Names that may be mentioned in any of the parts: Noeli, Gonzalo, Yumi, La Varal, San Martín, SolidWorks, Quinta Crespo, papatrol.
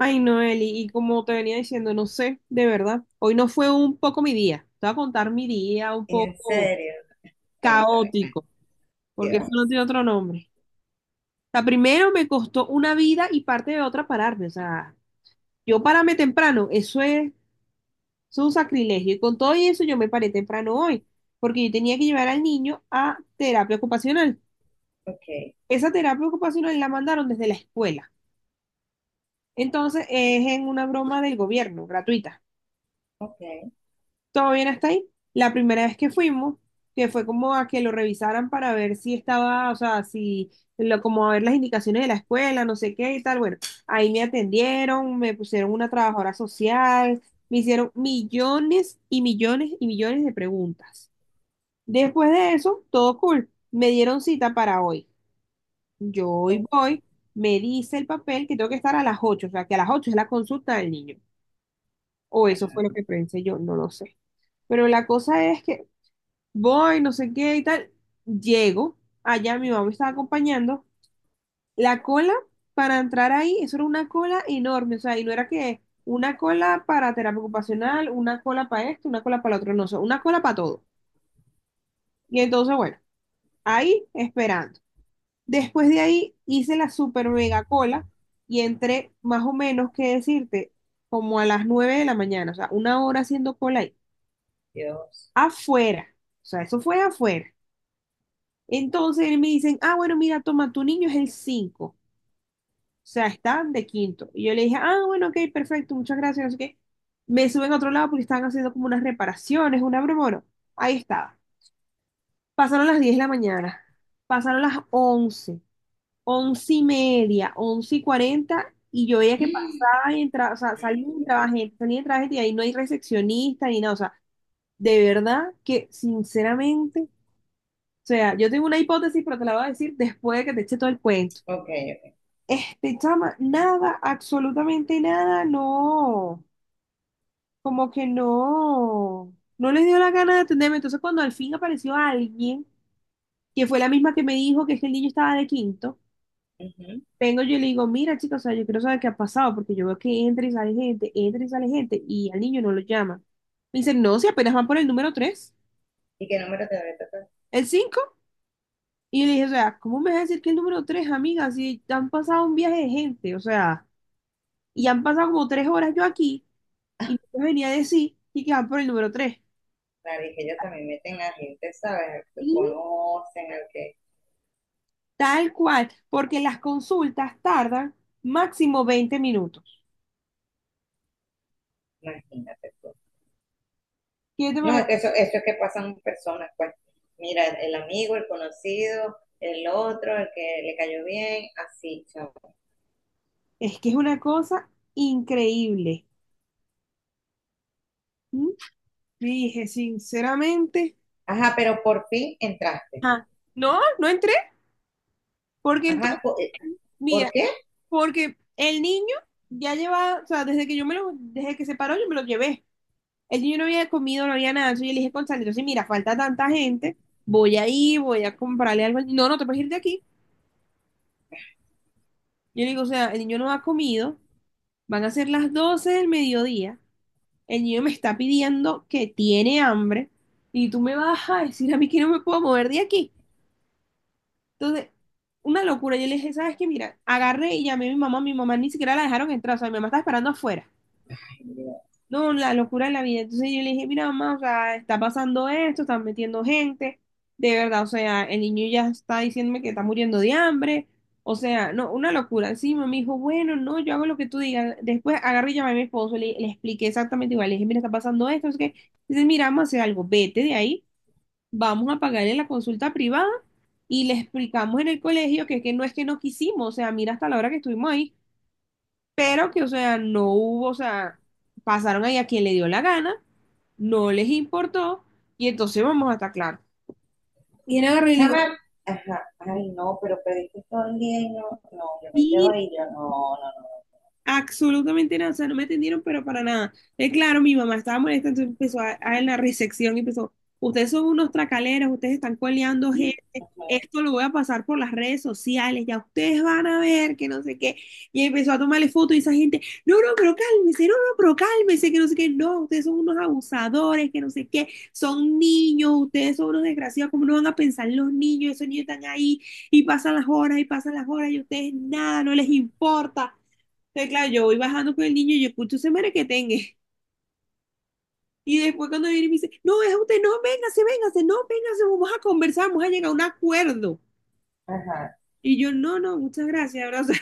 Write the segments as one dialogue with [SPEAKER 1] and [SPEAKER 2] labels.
[SPEAKER 1] Ay, Noeli, y como te venía diciendo, no sé, de verdad, hoy no fue un poco mi día. Te voy a contar mi día un
[SPEAKER 2] En
[SPEAKER 1] poco
[SPEAKER 2] serio, cuéntame.
[SPEAKER 1] caótico, porque eso no
[SPEAKER 2] Dios.
[SPEAKER 1] tiene otro nombre. O sea, primero me costó una vida y parte de otra pararme. O sea, yo pararme temprano, eso es un sacrilegio. Y con todo y eso yo me paré temprano hoy, porque yo tenía que llevar al niño a terapia ocupacional.
[SPEAKER 2] Ok,
[SPEAKER 1] Esa terapia ocupacional la mandaron desde la escuela. Entonces es en una broma del gobierno, gratuita.
[SPEAKER 2] ok,
[SPEAKER 1] Todo bien hasta ahí. La primera vez que fuimos, que fue como a que lo revisaran para ver si estaba, o sea, si, lo, como a ver las indicaciones de la escuela, no sé qué y tal. Bueno, ahí me atendieron, me pusieron una trabajadora social, me hicieron millones y millones y millones de preguntas. Después de eso, todo cool. Me dieron cita para hoy. Yo hoy
[SPEAKER 2] oh,
[SPEAKER 1] voy, me dice el papel que tengo que estar a las 8, o sea, que a las 8 es la consulta del niño. O eso fue lo que pensé yo, no lo sé. Pero la cosa es que voy, no sé qué y tal. Llego, allá mi mamá me estaba acompañando. La cola para entrar ahí, eso era una cola enorme, o sea, y no era que una cola para terapia ocupacional, una cola para esto, una cola para lo otro, no, o sea, una cola para todo. Y entonces, bueno, ahí esperando. Después de ahí hice la super mega cola y entré más o menos, qué decirte, como a las 9 de la mañana, o sea, una hora haciendo cola ahí,
[SPEAKER 2] Dios.
[SPEAKER 1] afuera, o sea, eso fue afuera. Entonces él me dicen, ah, bueno, mira, toma, tu niño es el 5, o sea, están de quinto. Y yo le dije, ah, bueno, ok, perfecto, muchas gracias, no sé qué. Me suben a otro lado porque estaban haciendo como unas reparaciones, una broma, bueno, ahí estaba. Pasaron las 10 de la mañana, pasaron las 11, 11:30, 11 y 40, y yo veía que
[SPEAKER 2] Mm.
[SPEAKER 1] pasaba y entraba, o sea, salía y
[SPEAKER 2] Ay,
[SPEAKER 1] entraba gente, salía y entraba gente, y ahí no hay recepcionista ni nada, o sea, de verdad que, sinceramente, o sea, yo tengo una hipótesis, pero te la voy a decir después de que te eche todo el cuento.
[SPEAKER 2] ok,
[SPEAKER 1] Este, chama, nada, absolutamente nada, no, como que no, no les dio la gana de atenderme. Entonces, cuando al fin apareció alguien, que fue la misma que me dijo que es que el niño estaba de quinto,
[SPEAKER 2] ujú.
[SPEAKER 1] vengo yo y le digo, mira, chicos, o sea, yo quiero saber qué ha pasado, porque yo veo que entra y sale gente, entra y sale gente, y al niño no lo llama. Me dice, no, si apenas van por el número tres,
[SPEAKER 2] ¿Y qué número te voy a tocar?
[SPEAKER 1] el cinco. Y yo le dije, o sea, ¿cómo me vas a decir que el número tres, amiga? Si han pasado un viaje de gente, o sea, y han pasado como tres horas yo aquí. Y nos venía a decir y que van por el número tres.
[SPEAKER 2] Claro, y que ellos también meten a gente, ¿sabes? Al que
[SPEAKER 1] Y
[SPEAKER 2] conocen, al que...
[SPEAKER 1] tal cual, porque las consultas tardan máximo 20 minutos.
[SPEAKER 2] Imagínate tú.
[SPEAKER 1] ¿Qué te
[SPEAKER 2] No,
[SPEAKER 1] parece?
[SPEAKER 2] es que eso es que pasan personas, pues. Mira, el amigo, el conocido, el otro, el que le cayó bien, así, chao.
[SPEAKER 1] Es que es una cosa increíble. ¿Mm? Dije, sinceramente,
[SPEAKER 2] Ajá, pero por fin entraste.
[SPEAKER 1] ah, no, no entré, porque
[SPEAKER 2] Ajá,
[SPEAKER 1] entonces,
[SPEAKER 2] ¿por
[SPEAKER 1] mira,
[SPEAKER 2] qué?
[SPEAKER 1] porque el niño ya lleva, o sea, desde que yo me lo, desde que se paró, yo me lo llevé. El niño no había comido, no había nada, entonces yo le dije, Gonzalo, entonces mira, falta tanta gente, voy a ir, voy a comprarle algo. No, no te puedes ir de aquí. Yo le digo, o sea, el niño no ha comido, van a ser 12:00 del mediodía, el niño me está pidiendo que tiene hambre y tú me vas a decir a mí que no me puedo mover de aquí. Entonces, una locura. Yo le dije, ¿sabes qué? Mira, agarré y llamé a mi mamá ni siquiera la dejaron entrar, o sea, mi mamá estaba esperando afuera. No, la locura de la vida. Entonces yo le dije, mira, mamá, o sea, está pasando esto, están metiendo gente, de verdad, o sea, el niño ya está diciéndome que está muriendo de hambre, o sea, no, una locura. Encima me dijo, bueno, no, yo hago lo que tú digas. Después agarré y llamé a mi esposo, le expliqué exactamente igual, le dije, mira, está pasando esto, es que, dice, mira, vamos a hacer algo, vete de ahí, vamos a pagarle la consulta privada y le explicamos en el colegio que no es que no quisimos, o sea, mira hasta la hora que estuvimos ahí pero que, o sea, no hubo, o sea, pasaron ahí a quien le dio la gana, no les importó, y entonces vamos a estar claros. Y él agarró y le
[SPEAKER 2] Chama,
[SPEAKER 1] digo,
[SPEAKER 2] ajá, ay no, pero pediste todo el día y no, no, yo me quedo ahí, yo no, no, no,
[SPEAKER 1] absolutamente nada, o sea, no me atendieron, pero para nada. Claro, mi mamá estaba molesta, entonces empezó en la recepción y empezó, ustedes son unos tracaleros, ustedes están coleando gente,
[SPEAKER 2] no, puedo.
[SPEAKER 1] esto lo voy a pasar por las redes sociales, ya ustedes van a ver que no sé qué. Y empezó a tomarle fotos y esa gente, no, no, pero cálmese, no, no, pero cálmese, que no sé qué, no, ustedes son unos abusadores, que no sé qué, son niños, ustedes son unos desgraciados, ¿cómo no van a pensar en los niños? Esos niños están ahí y pasan las horas y pasan las horas y ustedes nada, no les importa. Entonces, claro, yo voy bajando con el niño y yo escucho ese merequetengue. Que tenga. Y después cuando viene y me dice, no, es usted, no, véngase, véngase, no, véngase, vamos a conversar, vamos a llegar a un acuerdo.
[SPEAKER 2] Ajá,
[SPEAKER 1] Y yo, no, no, muchas gracias, abrazo,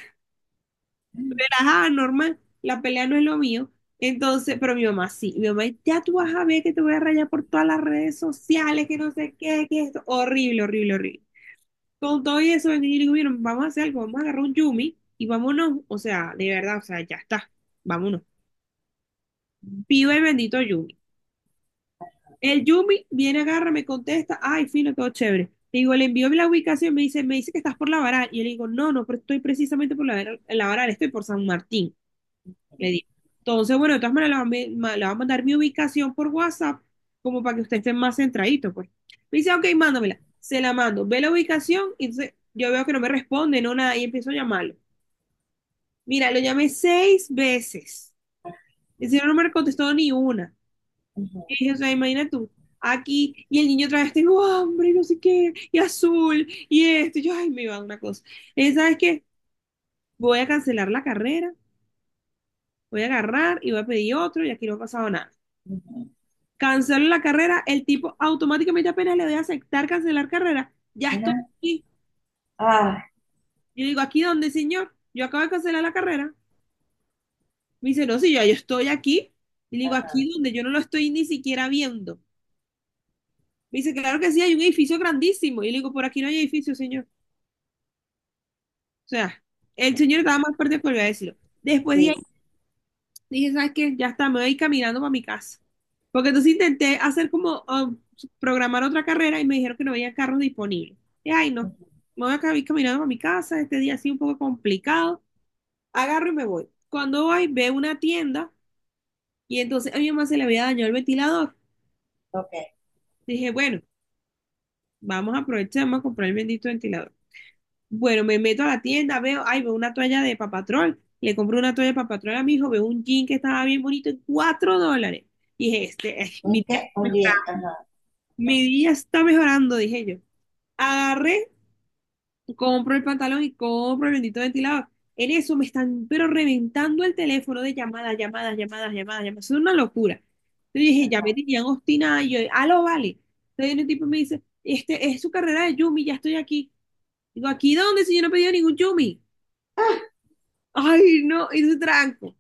[SPEAKER 1] relajada, normal, la pelea no es lo mío. Entonces, pero mi mamá sí, mi mamá, ya tú vas a ver que te voy a rayar por todas las redes sociales, que no sé qué, que esto, horrible, horrible, horrible. Con todo y eso, vengo y le digo, miren, vamos a hacer algo, vamos a agarrar un Yumi y vámonos, o sea, de verdad, o sea, ya está, vámonos. Viva el bendito Yumi. El Yumi viene, agarra, me contesta, ay, fino, todo chévere. Le digo, le envío la ubicación, me dice que estás por La Varal. Y yo le digo, no, no, pero estoy precisamente por La Varal, en La Varal, estoy por San Martín. Le digo. Entonces, bueno, de todas maneras, le va a mandar mi ubicación por WhatsApp, como para que usted esté más centradito, pues. Me dice, ok, mándamela. Se la mando. Ve la ubicación, y entonces yo veo que no me responde, no nada, y empiezo a llamarlo. Mira, lo llamé seis veces. El señor no me contestó ni una.
[SPEAKER 2] ujú,
[SPEAKER 1] Y o sea, imagina tú, aquí, y el niño otra vez, tengo hambre, y no sé qué, y azul, y esto, y yo, ay, me iba a dar una cosa. Y ¿sabes qué? Voy a cancelar la carrera, voy a agarrar y voy a pedir otro, y aquí no ha pasado nada.
[SPEAKER 2] ujú,
[SPEAKER 1] Cancelo la carrera, el tipo automáticamente apenas le doy a aceptar cancelar carrera, ya estoy
[SPEAKER 2] ajá,
[SPEAKER 1] aquí.
[SPEAKER 2] ah,
[SPEAKER 1] Yo digo, ¿aquí dónde, señor? Yo acabo de cancelar la carrera. Me dice, no, sí, ya yo estoy aquí. Y le digo, aquí donde yo no lo estoy ni siquiera viendo. Me dice, claro que sí, hay un edificio grandísimo. Y le digo, por aquí no hay edificio, señor. O sea, el señor estaba más fuerte que volvió a decirlo. Después de
[SPEAKER 2] sí,
[SPEAKER 1] ahí
[SPEAKER 2] sí,
[SPEAKER 1] dije, ¿sabes qué? Ya está, me voy caminando para mi casa. Porque entonces intenté hacer programar otra carrera y me dijeron que no había carros disponibles. Y ay, no,
[SPEAKER 2] ujú,
[SPEAKER 1] me voy a cami- caminando para mi casa, este día ha sido un poco complicado. Agarro y me voy. Cuando voy, veo una tienda y entonces a mi mamá se le había dañado el ventilador.
[SPEAKER 2] ok,
[SPEAKER 1] Dije, bueno, vamos a aprovechar, vamos a comprar el bendito ventilador. Bueno, me meto a la tienda, veo, ay, veo una toalla de papatrol. Le compro una toalla de papatrol a mi hijo, veo un jean que estaba bien bonito en $4. Dije, este, ay, mi
[SPEAKER 2] un
[SPEAKER 1] día
[SPEAKER 2] qué,
[SPEAKER 1] me
[SPEAKER 2] un
[SPEAKER 1] está,
[SPEAKER 2] bien,
[SPEAKER 1] mejorando,
[SPEAKER 2] ajá, ok,
[SPEAKER 1] mi día está mejorando, dije yo. Agarré, compro el pantalón y compro el bendito ventilador. En eso me están, pero reventando el teléfono de llamadas, llamadas, llamadas, llamadas, llamadas. Es una locura. Entonces dije, ya
[SPEAKER 2] ajá,
[SPEAKER 1] me tenían obstinada y yo, ah, lo vale. Entonces viene un tipo y me dice, este, es su carrera de Yumi, ya estoy aquí. Digo, ¿aquí dónde si yo no he pedido ningún Yumi?
[SPEAKER 2] ah,
[SPEAKER 1] Ay, no, y dice tranco.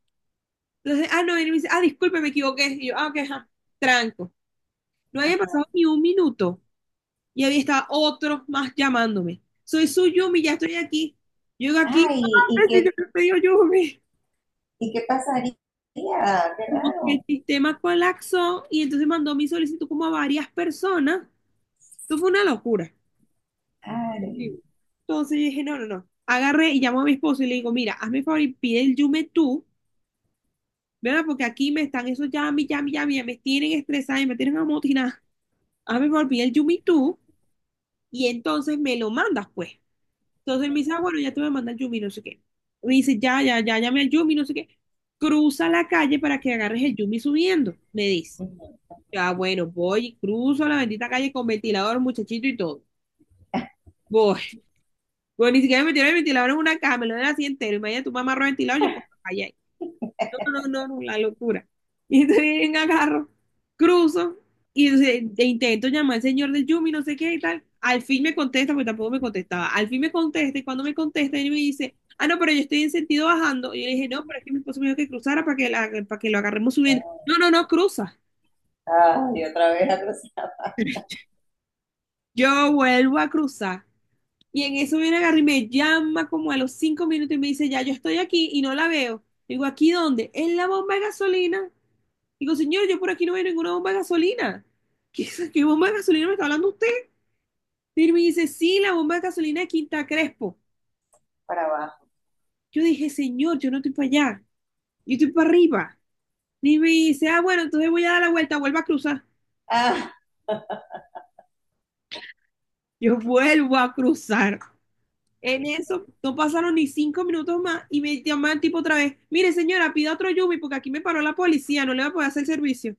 [SPEAKER 1] Entonces, ah, no, viene y me dice, ah, disculpe, me equivoqué. Y yo, ah, ok, ajá, tranco. No había pasado ni un minuto y había estado otro más llamándome. Soy su Yumi, ya estoy aquí. Llego aquí,
[SPEAKER 2] ay,
[SPEAKER 1] ah,
[SPEAKER 2] ¿y
[SPEAKER 1] sí, yo me pedí Yumi.
[SPEAKER 2] y qué pasaría? Qué
[SPEAKER 1] Como que el
[SPEAKER 2] raro,
[SPEAKER 1] sistema colapsó y entonces mandó mi solicitud como a varias personas. Esto fue una locura.
[SPEAKER 2] ay,
[SPEAKER 1] Sí. Entonces yo dije, no, no, no. Agarré y llamó a mi esposo y le digo, mira, hazme el favor y pide el Yume tú, ¿verdad? Porque aquí me están esos yami, yami, yami, me tienen estresada y me tienen amotinada. A mí me olvidé el Yumi tú y entonces me lo mandas, pues. Entonces él me dice, ah, bueno, ya te voy a mandar el Yumi, no sé qué. Me dice, ya, ya, ya, llamé al Yumi, no sé qué. Cruza la calle para que agarres el Yumi subiendo, me dice.
[SPEAKER 2] ujú,
[SPEAKER 1] Ya, bueno, voy y cruzo la bendita calle con ventilador, muchachito y todo. Voy. Bueno, ni siquiera me metieron el ventilador en una cama, me lo den así entero. Imagínate, tu mamá amarró el ventilador, yo por la calle. No, no, no, no, la locura. Y entonces bien agarro, cruzo y entonces intento llamar al señor del Yumi, no sé qué y tal. Al fin me contesta, porque tampoco me contestaba. Al fin me contesta y cuando me contesta, él me dice, ah, no, pero yo estoy en sentido bajando. Y yo le dije, no, pero es que mi esposo me dijo que cruzara para que, para que lo agarremos subiendo. No, no, no, cruza.
[SPEAKER 2] ay, otra vez atrás
[SPEAKER 1] Yo vuelvo a cruzar. Y en eso viene agarré y me llama como a los cinco minutos y me dice, ya, yo estoy aquí y no la veo. Digo, ¿aquí dónde? En la bomba de gasolina. Digo, señor, yo por aquí no veo ninguna bomba de gasolina. ¿Qué, qué bomba de gasolina me está hablando usted? Y me dice, sí, la bomba de gasolina de Quinta Crespo.
[SPEAKER 2] para abajo,
[SPEAKER 1] Yo dije, señor, yo no estoy para allá, yo estoy para arriba. Y me dice, ah, bueno, entonces voy a dar la vuelta, vuelvo a cruzar.
[SPEAKER 2] ah,
[SPEAKER 1] Yo vuelvo a cruzar.
[SPEAKER 2] ay,
[SPEAKER 1] En eso no pasaron ni cinco minutos más y me llaman tipo otra vez, mire señora, pida otro Yumi porque aquí me paró la policía, no le voy a poder hacer servicio.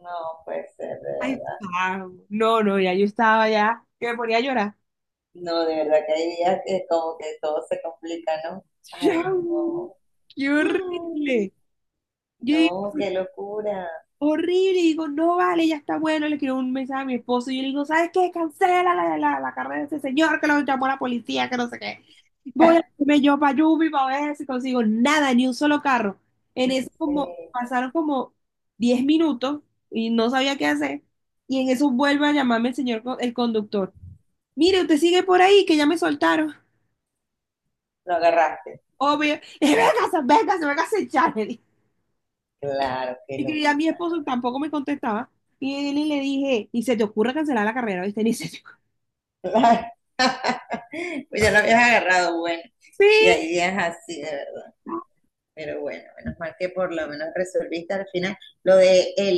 [SPEAKER 2] no puede ser, de
[SPEAKER 1] Ay,
[SPEAKER 2] verdad.
[SPEAKER 1] pavo. No, no, ya yo estaba ya, que me ponía a llorar.
[SPEAKER 2] No, de verdad que hay días que como que todo se complica, ¿no? Ay,
[SPEAKER 1] Chau.
[SPEAKER 2] no.
[SPEAKER 1] ¡Qué horrible! Yo digo,
[SPEAKER 2] No, qué locura.
[SPEAKER 1] horrible, y digo, no vale, ya está bueno. Le escribo un mensaje a mi esposo y yo le digo, ¿sabes qué? Cancela la carrera de ese señor que lo llamó la policía, que no sé qué. Voy a irme yo para Yubi para ver si consigo nada, ni un solo carro. En
[SPEAKER 2] Ya
[SPEAKER 1] eso
[SPEAKER 2] sé.
[SPEAKER 1] como pasaron como 10 minutos y no sabía qué hacer. Y en eso vuelve a llamarme el señor, el conductor. Mire, usted sigue por ahí, que ya me soltaron.
[SPEAKER 2] Lo agarraste.
[SPEAKER 1] Obvio. Véngase, véngase, véngase, echar.
[SPEAKER 2] Claro, qué
[SPEAKER 1] Y que a mi
[SPEAKER 2] locura,
[SPEAKER 1] esposo tampoco me contestaba. Y le dije, ni se te ocurre cancelar la carrera, ¿viste? Ni se te ocurre.
[SPEAKER 2] ¿no? Claro. Pues ya lo habías agarrado, bueno.
[SPEAKER 1] Sí.
[SPEAKER 2] Sí, hay días así, de verdad. Pero bueno, menos mal que por lo menos resolviste al final. Lo de el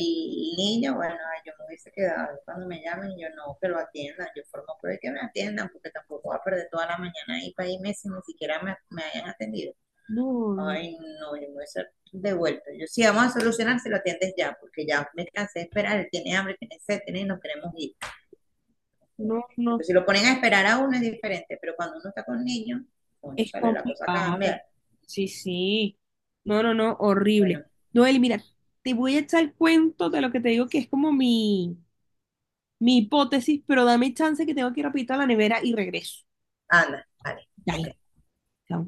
[SPEAKER 2] niño, bueno, ay, yo me hubiese quedado cuando me llamen, yo no, que lo atiendan, yo formo por el que me atiendan, porque tampoco voy a perder toda la mañana ahí para irme si ni siquiera me hayan atendido.
[SPEAKER 1] No,
[SPEAKER 2] Ay, no, yo me hubiese devuelto. Yo sí, vamos a solucionar si lo atiendes ya, porque ya me cansé de esperar, él tiene hambre, tiene sed, tiene y nos queremos ir.
[SPEAKER 1] no, no.
[SPEAKER 2] Porque si lo ponen a esperar a uno es diferente, pero cuando uno está con niños,
[SPEAKER 1] Es
[SPEAKER 2] sale la cosa
[SPEAKER 1] complicado.
[SPEAKER 2] cambia.
[SPEAKER 1] Sí, sí. No, no, no, horrible.
[SPEAKER 2] Bueno,
[SPEAKER 1] Noel, mira, te voy a echar el cuento de lo que te digo que es como mi hipótesis, pero dame chance que tengo que ir rapidito a la nevera y regreso.
[SPEAKER 2] anda, vale, ok.
[SPEAKER 1] Dale. Chao.